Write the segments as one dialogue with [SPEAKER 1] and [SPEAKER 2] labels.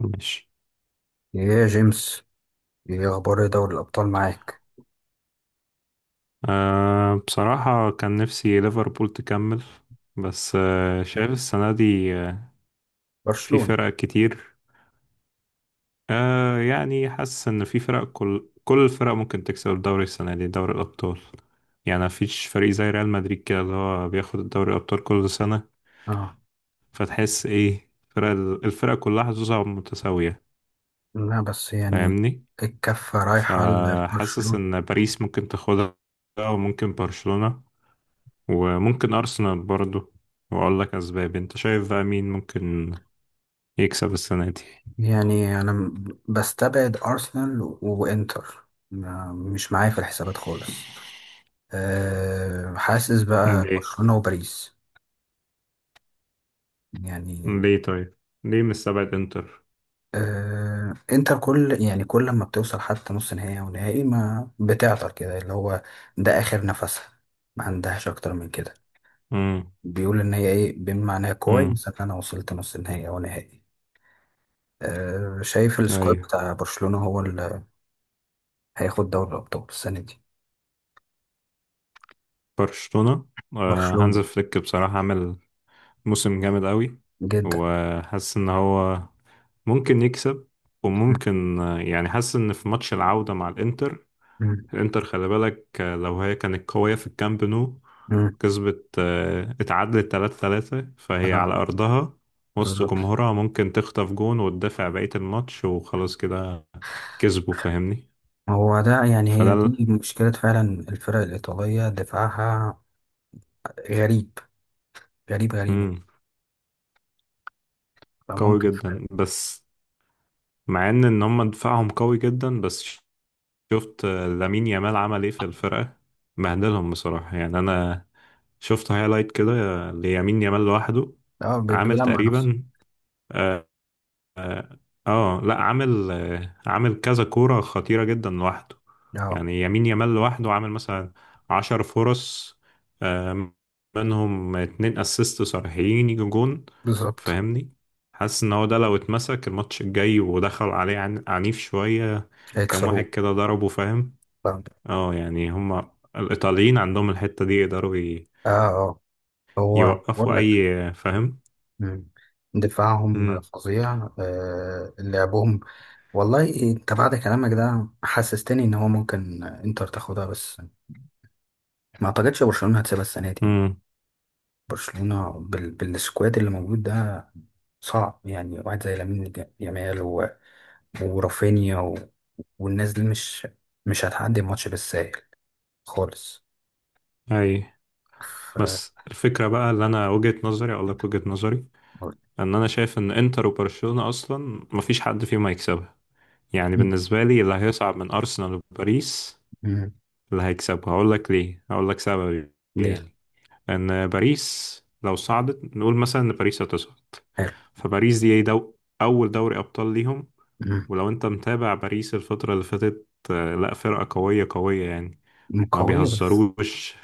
[SPEAKER 1] ماشي.
[SPEAKER 2] يا جيمس، ايه اخبار دوري الابطال معاك؟
[SPEAKER 1] بصراحة كان نفسي ليفربول تكمل. بس شايف السنة دي، في
[SPEAKER 2] برشلونة.
[SPEAKER 1] فرق كتير. يعني حاسس إن في فرق، كل الفرق ممكن تكسب الدوري السنة دي، دوري الأبطال. يعني مفيش فريق زي ريال مدريد كده اللي هو بياخد الدوري الأبطال كل سنة.
[SPEAKER 2] اه،
[SPEAKER 1] فتحس إيه؟ فرق الفرق كلها حظوظها متساوية.
[SPEAKER 2] لا بس يعني
[SPEAKER 1] فاهمني؟
[SPEAKER 2] الكفة رايحة
[SPEAKER 1] فحاسس
[SPEAKER 2] لبرشلونة.
[SPEAKER 1] إن باريس ممكن تاخدها، وممكن برشلونة، وممكن أرسنال برضو. وأقول لك أسباب. أنت شايف بقى مين ممكن يكسب السنة دي؟
[SPEAKER 2] يعني انا بستبعد ارسنال وانتر مش معايا في الحسابات خالص. حاسس بقى
[SPEAKER 1] ليه؟
[SPEAKER 2] برشلونة وباريس، يعني.
[SPEAKER 1] ليه طيب؟ ليه مستبعد إنتر؟
[SPEAKER 2] انتر كل، يعني، كل ما بتوصل حتى نص نهائي او نهائي ما بتعطل كده اللي هو ده اخر نفسها. ما عندهاش اكتر من كده.
[SPEAKER 1] امم.
[SPEAKER 2] بيقول ان هي، ايه، بما معناها
[SPEAKER 1] امم.
[SPEAKER 2] كويس ان انا وصلت نص النهائي او نهائي. شايف السكواد
[SPEAKER 1] أيوة.
[SPEAKER 2] بتاع برشلونة هو اللي هياخد دوري الابطال السنة دي.
[SPEAKER 1] برشلونة. آه، هانز
[SPEAKER 2] برشلونة.
[SPEAKER 1] فليك بصراحة عمل موسم جامد قوي.
[SPEAKER 2] جدا.
[SPEAKER 1] وحاسس إن هو ممكن يكسب،
[SPEAKER 2] مم.
[SPEAKER 1] وممكن. يعني حاسس إن في ماتش العودة مع الإنتر،
[SPEAKER 2] مم.
[SPEAKER 1] الانتر خلي بالك. لو هي كانت قوية في الكامب نو
[SPEAKER 2] مم.
[SPEAKER 1] كسبت. اتعادلت 3-3، فهي
[SPEAKER 2] اه.
[SPEAKER 1] على أرضها وسط
[SPEAKER 2] بالظبط.
[SPEAKER 1] جمهورها ممكن تخطف جون وتدافع بقية الماتش وخلاص كده كسبوا. فاهمني؟
[SPEAKER 2] هو ده، يعني
[SPEAKER 1] فده
[SPEAKER 2] هي
[SPEAKER 1] ال-
[SPEAKER 2] دي مشكلة فعلا، الفرق الإيطالية دفاعها غريب. غريب غريب، يعني.
[SPEAKER 1] مم. قوي
[SPEAKER 2] فممكن فعلا.
[SPEAKER 1] جدا. بس مع ان هم دفاعهم قوي جدا. بس شفت، لامين يامال عمل ايه في الفرقة؟ بهدلهم بصراحة. يعني انا شفت هايلايت كده ليامين يامال لوحده.
[SPEAKER 2] اه،
[SPEAKER 1] عامل
[SPEAKER 2] بيلمع نفسه.
[SPEAKER 1] تقريبا، آه، اه لا، عامل كذا كورة خطيرة جدا لوحده.
[SPEAKER 2] اه.
[SPEAKER 1] يعني يمين يامال لوحده عامل مثلا 10 فرص، آه، منهم اتنين اسيست صريحين يجوا جون.
[SPEAKER 2] بالظبط.
[SPEAKER 1] فاهمني؟ حاسس ان هو ده لو اتمسك الماتش الجاي ودخل عليه عنيف شوية، كام واحد
[SPEAKER 2] هيكسروه.
[SPEAKER 1] كده ضربه. فاهم؟
[SPEAKER 2] اه.
[SPEAKER 1] اه، يعني هما الايطاليين عندهم الحتة دي يقدروا
[SPEAKER 2] اه. آه. هو
[SPEAKER 1] يوقفوا
[SPEAKER 2] بقول
[SPEAKER 1] اي.
[SPEAKER 2] لك.
[SPEAKER 1] فاهم؟
[SPEAKER 2] مم. دفاعهم
[SPEAKER 1] امم.
[SPEAKER 2] فظيع، لعبهم. والله انت بعد كلامك ده حسستني ان هو ممكن انتر تاخدها، بس ما اعتقدش برشلونة هتسيبها السنة دي.
[SPEAKER 1] امم.
[SPEAKER 2] برشلونة بالسكواد اللي موجود ده. صعب، يعني واحد زي لامين يامال ورافينيا والناس دي مش هتعدي الماتش بالساهل خالص.
[SPEAKER 1] اي.
[SPEAKER 2] ف...
[SPEAKER 1] بس الفكرة بقى، اللي أنا وجهة نظري، أقول لك وجهة نظري. إن أنا شايف إن إنتر وبرشلونة أصلا مفيش حد فيهم هيكسبها. يعني
[SPEAKER 2] مم.
[SPEAKER 1] بالنسبة لي، اللي هيصعد من أرسنال وباريس،
[SPEAKER 2] مم.
[SPEAKER 1] اللي هيكسبها. هقول لك ليه، هقول لك سببي.
[SPEAKER 2] ليه.
[SPEAKER 1] يعني، إن باريس لو صعدت، نقول مثلا إن باريس هتصعد.
[SPEAKER 2] حلو.
[SPEAKER 1] فباريس دي أول دوري أبطال ليهم. ولو أنت متابع باريس الفترة اللي فاتت، لا، فرقة قوية قوية يعني.
[SPEAKER 2] مم.
[SPEAKER 1] ما
[SPEAKER 2] قوية، بس.
[SPEAKER 1] بيهزروش.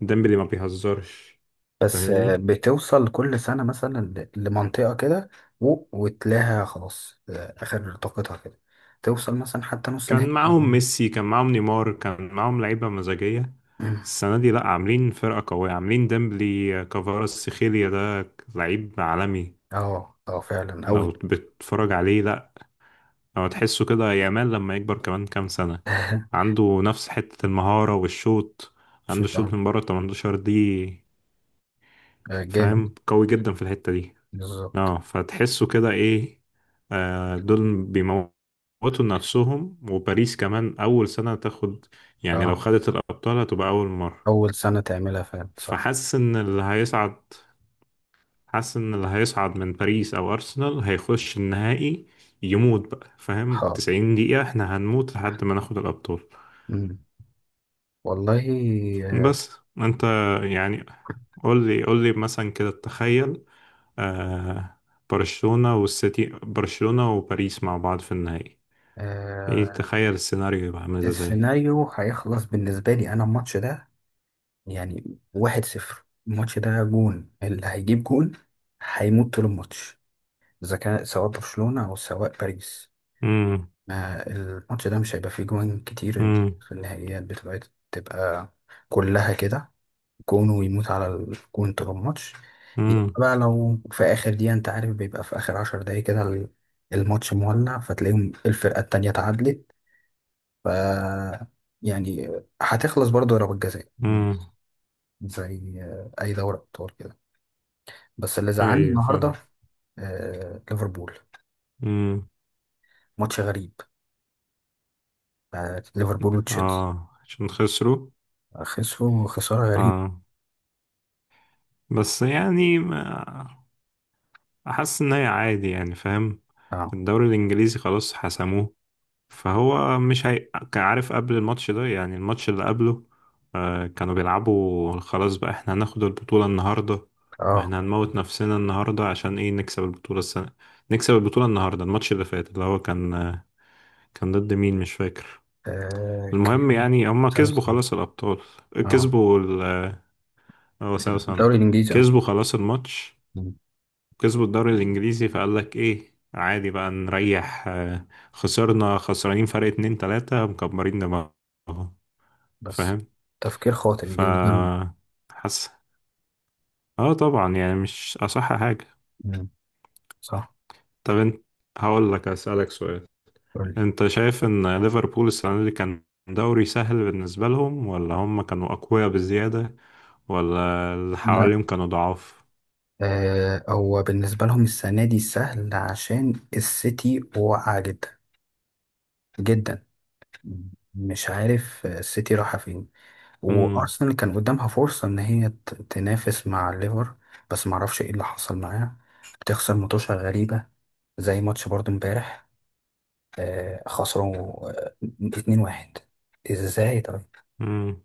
[SPEAKER 1] ديمبلي ما بيهزرش.
[SPEAKER 2] بس،
[SPEAKER 1] فاهمني؟
[SPEAKER 2] بتوصل كل سنة مثلا لمنطقة كده. وتلاقيها خلاص، آخر طاقتها كده. توصل مثلا حتى نص نهائي.
[SPEAKER 1] كان معاهم ميسي، كان معاهم نيمار، كان معاهم لعيبة مزاجية.
[SPEAKER 2] مم.
[SPEAKER 1] السنة دي لأ، عاملين فرقة قوية، عاملين ديمبلي، كفاراتسخيليا. سيخيليا ده لعيب عالمي.
[SPEAKER 2] اه، اه، فعلا
[SPEAKER 1] لو
[SPEAKER 2] أوي.
[SPEAKER 1] بتتفرج عليه لأ. لو تحسه كده، يامال لما يكبر كمان كام سنة، عنده نفس حتة المهارة والشوط.
[SPEAKER 2] شو
[SPEAKER 1] عنده
[SPEAKER 2] ده؟
[SPEAKER 1] شوط من بره 18 دي.
[SPEAKER 2] جامد.
[SPEAKER 1] فاهم؟ قوي جدا في الحتة دي.
[SPEAKER 2] بالظبط.
[SPEAKER 1] اه، فتحسوا كده ايه؟ دول بيموتوا نفسهم. وباريس كمان اول سنة تاخد، يعني لو
[SPEAKER 2] اه.
[SPEAKER 1] خدت الابطال هتبقى اول مرة.
[SPEAKER 2] أول سنة تعملها فعلا، صح.
[SPEAKER 1] فحاسس ان اللي هيصعد حاسس ان اللي هيصعد من باريس او ارسنال هيخش النهائي. يموت بقى. فاهم؟
[SPEAKER 2] اه.
[SPEAKER 1] 90 دقيقة احنا هنموت لحد ما ناخد الابطال.
[SPEAKER 2] مم. والله. آه.
[SPEAKER 1] بس انت، يعني قول لي، قول لي مثلا كده. تخيل، آه برشلونة والسيتي، برشلونة وباريس مع بعض في النهائي. ايه؟
[SPEAKER 2] آه.
[SPEAKER 1] تخيل السيناريو يبقى عامل ازاي.
[SPEAKER 2] السيناريو هيخلص بالنسبة لي أنا، الماتش ده يعني 1-0. الماتش ده جون اللي هيجيب جون هيموت طول الماتش، اذا كان سواء برشلونة او سواء باريس.
[SPEAKER 1] امم.
[SPEAKER 2] ما الماتش ده مش هيبقى فيه جوان كتير،
[SPEAKER 1] امم.
[SPEAKER 2] في النهائيات بتبقى، تبقى كلها كده، جون، ويموت على الجون طول الماتش. يبقى
[SPEAKER 1] امم.
[SPEAKER 2] بقى لو في اخر دقيقة انت عارف بيبقى في اخر 10 دقايق كده الماتش مولع، فتلاقيهم الفرقة التانية اتعادلت. ف يعني هتخلص برضه ضربات جزاء
[SPEAKER 1] امم.
[SPEAKER 2] زي اي دورة ابطال كده. بس اللي زعلني
[SPEAKER 1] ايوه،
[SPEAKER 2] النهارده
[SPEAKER 1] فاهم.
[SPEAKER 2] ليفربول.
[SPEAKER 1] امم.
[SPEAKER 2] ماتش غريب، ليفربول وتشيلسي.
[SPEAKER 1] اه، عشان خسروا.
[SPEAKER 2] خسروا خسارة غريبة.
[SPEAKER 1] اه، بس يعني ما احس ان هي عادي يعني. فاهم؟
[SPEAKER 2] اه.
[SPEAKER 1] الدوري الانجليزي خلاص حسموه. فهو مش هي. كان عارف قبل الماتش ده، يعني الماتش اللي قبله، كانوا بيلعبوا. خلاص بقى، احنا هناخد البطولة النهاردة.
[SPEAKER 2] اه.
[SPEAKER 1] واحنا هنموت نفسنا النهاردة عشان ايه؟ نكسب البطولة السنة، نكسب البطولة النهاردة. الماتش اللي فات اللي هو كان، كان ضد مين مش فاكر. المهم،
[SPEAKER 2] كان
[SPEAKER 1] يعني هما كسبوا
[SPEAKER 2] ساوثهامبتون.
[SPEAKER 1] خلاص الأبطال.
[SPEAKER 2] اه.
[SPEAKER 1] كسبوا ال آه، هو
[SPEAKER 2] الدوري
[SPEAKER 1] ساوثهامبتون.
[SPEAKER 2] الإنجليزي، اه.
[SPEAKER 1] كسبوا خلاص الماتش.
[SPEAKER 2] مم.
[SPEAKER 1] كسبوا الدوري الإنجليزي. فقال لك إيه؟ عادي بقى نريح. خسرنا. خسرانين فرق اتنين تلاتة مكبرين دماغهم.
[SPEAKER 2] بس
[SPEAKER 1] فاهم؟
[SPEAKER 2] تفكير خاطئ
[SPEAKER 1] ف
[SPEAKER 2] جدا.
[SPEAKER 1] حاسس. اه، طبعا يعني مش أصح حاجة.
[SPEAKER 2] مم. صح.
[SPEAKER 1] طب انت، هقول لك، أسألك سؤال.
[SPEAKER 2] قول لي.
[SPEAKER 1] انت شايف ان ليفربول السنة دي كان دوري سهل بالنسبة لهم، ولا هم كانوا أقوياء بزيادة، ولا اللي
[SPEAKER 2] لا.
[SPEAKER 1] حواليهم كانوا ضعاف؟
[SPEAKER 2] هو بالنسبة لهم السنة دي سهل عشان السيتي واقعة جدا جدا. مش عارف السيتي رايحة فين.
[SPEAKER 1] امم.
[SPEAKER 2] وارسنال كان قدامها فرصه ان هي تنافس مع الليفر، بس ما اعرفش ايه اللي حصل معاها. بتخسر ماتشات غريبه زي ماتش برضو امبارح. خسروا 2-1. ازاي طيب؟
[SPEAKER 1] امم.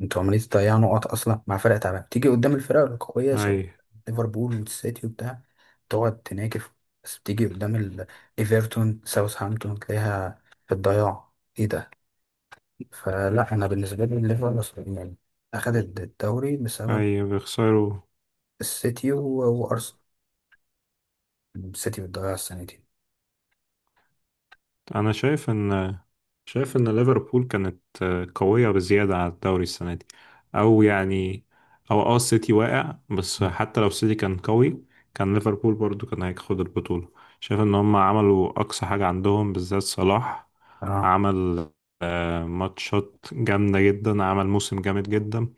[SPEAKER 2] انتوا عمالين تضيعوا نقط اصلا مع فرق تعبانه، تيجي قدام الفرق القويه
[SPEAKER 1] اي.
[SPEAKER 2] شباب ليفربول والسيتي وبتاع تقعد تناكف، بس بتيجي قدام ايفرتون ساوثهامبتون تلاقيها في الضياع. ايه ده؟ فلا، انا بالنسبه لي الليفر يعني اخذت الدوري بسبب
[SPEAKER 1] اي، بيخسروا.
[SPEAKER 2] السيتي وارسنال. السيتي بتضيع السنتين.
[SPEAKER 1] انا شايف ان ليفربول كانت قوية بزيادة على الدوري السنة دي. او يعني، او السيتي واقع. بس
[SPEAKER 2] مم.
[SPEAKER 1] حتى لو السيتي كان قوي، كان ليفربول برضو كان هياخد البطولة. شايف ان هم عملوا اقصى حاجة عندهم، بالذات صلاح.
[SPEAKER 2] اه.
[SPEAKER 1] عمل ماتشات جامدة جدا. عمل موسم جامد جدا.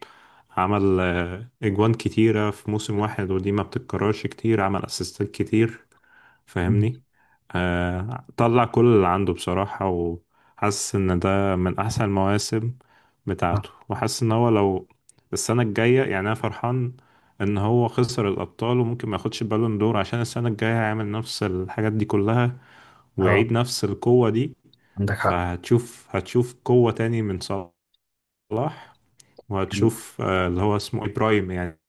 [SPEAKER 1] عمل اجوان كتيرة في موسم واحد، ودي ما بتتكررش كتير. عمل اسيستات كتير.
[SPEAKER 2] مم.
[SPEAKER 1] فاهمني؟ طلع كل اللي عنده بصراحة. وحاسس ان ده من احسن المواسم
[SPEAKER 2] اه.
[SPEAKER 1] بتاعته. وحاسس ان هو لو السنة الجاية، يعني انا فرحان ان هو خسر الابطال، وممكن ما ياخدش بالون دور عشان السنة الجاية هيعمل نفس الحاجات دي كلها،
[SPEAKER 2] اه،
[SPEAKER 1] ويعيد نفس القوة دي.
[SPEAKER 2] عندك حق.
[SPEAKER 1] فهتشوف، هتشوف قوة تاني من صلاح.
[SPEAKER 2] كان
[SPEAKER 1] وهتشوف اللي هو اسمه إيه؟ برايم يعني.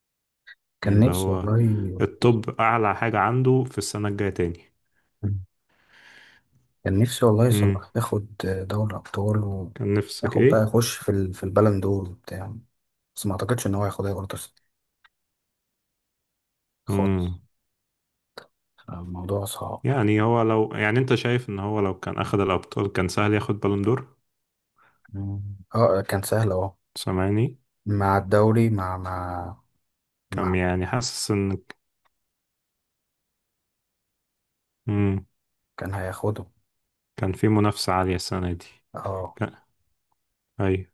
[SPEAKER 2] كان
[SPEAKER 1] اللي
[SPEAKER 2] نفسي
[SPEAKER 1] هو
[SPEAKER 2] والله.
[SPEAKER 1] الطب اعلى حاجة عنده في السنة الجاية تاني.
[SPEAKER 2] كان نفسي والله
[SPEAKER 1] مم.
[SPEAKER 2] صلاح ياخد دوري ابطال،
[SPEAKER 1] كان نفسك
[SPEAKER 2] وياخد بقى
[SPEAKER 1] ايه؟
[SPEAKER 2] يخش في البالون دور وبتاع، بس ما اعتقدش ان هو ياخدها برضه خالص.
[SPEAKER 1] امم.
[SPEAKER 2] الموضوع صعب.
[SPEAKER 1] يعني هو لو، يعني انت شايف ان هو لو كان اخذ الابطال كان سهل ياخد بالون دور؟
[SPEAKER 2] مم. اه، كان سهل، اه.
[SPEAKER 1] سامعني؟
[SPEAKER 2] مع الدوري، مع مع
[SPEAKER 1] كان
[SPEAKER 2] مع
[SPEAKER 1] يعني حاسس ان. امم.
[SPEAKER 2] كان هياخده.
[SPEAKER 1] كان في منافسة عالية السنة دي.
[SPEAKER 2] اه.
[SPEAKER 1] كان. ايوه.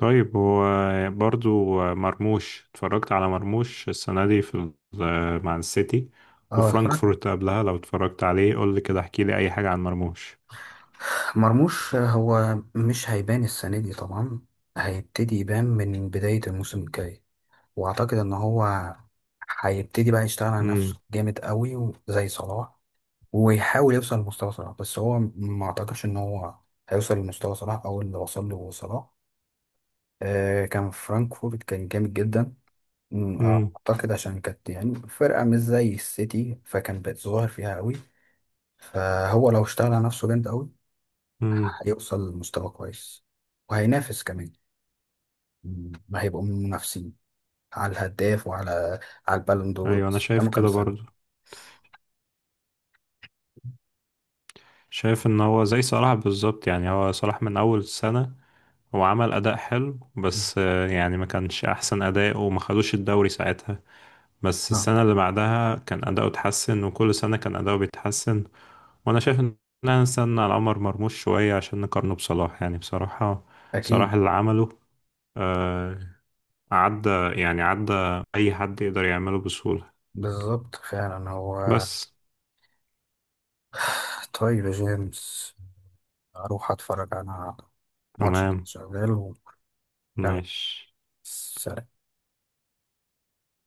[SPEAKER 1] طيب، هو برضو، مرموش. اتفرجت على مرموش السنة دي في مع السيتي
[SPEAKER 2] اه، اتفرجت.
[SPEAKER 1] وفرانكفورت قبلها. لو اتفرجت عليه قول لي كده، احكي لي اي حاجة عن مرموش.
[SPEAKER 2] مرموش هو مش هيبان السنة دي طبعا. هيبتدي يبان من بداية الموسم الجاي، وأعتقد إن هو هيبتدي بقى يشتغل على
[SPEAKER 1] امم.
[SPEAKER 2] نفسه جامد قوي زي صلاح. ويحاول يوصل لمستوى صلاح، بس هو ما أعتقدش إن هو هيوصل لمستوى صلاح أو اللي وصل له صلاح. كان فرانكفورت كان جامد جدا.
[SPEAKER 1] امم.
[SPEAKER 2] أعتقد عشان كانت، يعني، فرقة مش زي السيتي فكان بيتظاهر فيها قوي. فهو لو اشتغل على نفسه جامد قوي
[SPEAKER 1] امم.
[SPEAKER 2] هيوصل لمستوى كويس، وهينافس كمان. مم. هيبقوا من المنافسين على الهداف، وعلى البالون دور،
[SPEAKER 1] ايوه، انا
[SPEAKER 2] بس
[SPEAKER 1] شايف
[SPEAKER 2] قدامه كام
[SPEAKER 1] كده برضو.
[SPEAKER 2] سنة.
[SPEAKER 1] شايف ان هو زي صلاح بالظبط. يعني هو صلاح من اول السنة هو عمل أداء حلو.
[SPEAKER 2] مم.
[SPEAKER 1] بس يعني ما كانش أحسن أداء، وما خدوش الدوري ساعتها. بس
[SPEAKER 2] اه.
[SPEAKER 1] السنة اللي بعدها كان أداؤه اتحسن، وكل سنة كان أداؤه بيتحسن. وأنا شايف إن إحنا نستنى على عمر مرموش شوية، عشان نقارنه بصلاح، يعني بصراحة. صلاح
[SPEAKER 2] أكيد.
[SPEAKER 1] اللي عمله، آه، عدى، يعني عدى، أي حد يقدر يعمله بسهولة.
[SPEAKER 2] بالظبط فعلا هو.
[SPEAKER 1] بس.
[SPEAKER 2] طيب يا جيمس، أروح أتفرج أنا على ماتش
[SPEAKER 1] تمام.
[SPEAKER 2] شغال. وفعلا.
[SPEAKER 1] ماشي.
[SPEAKER 2] سلام.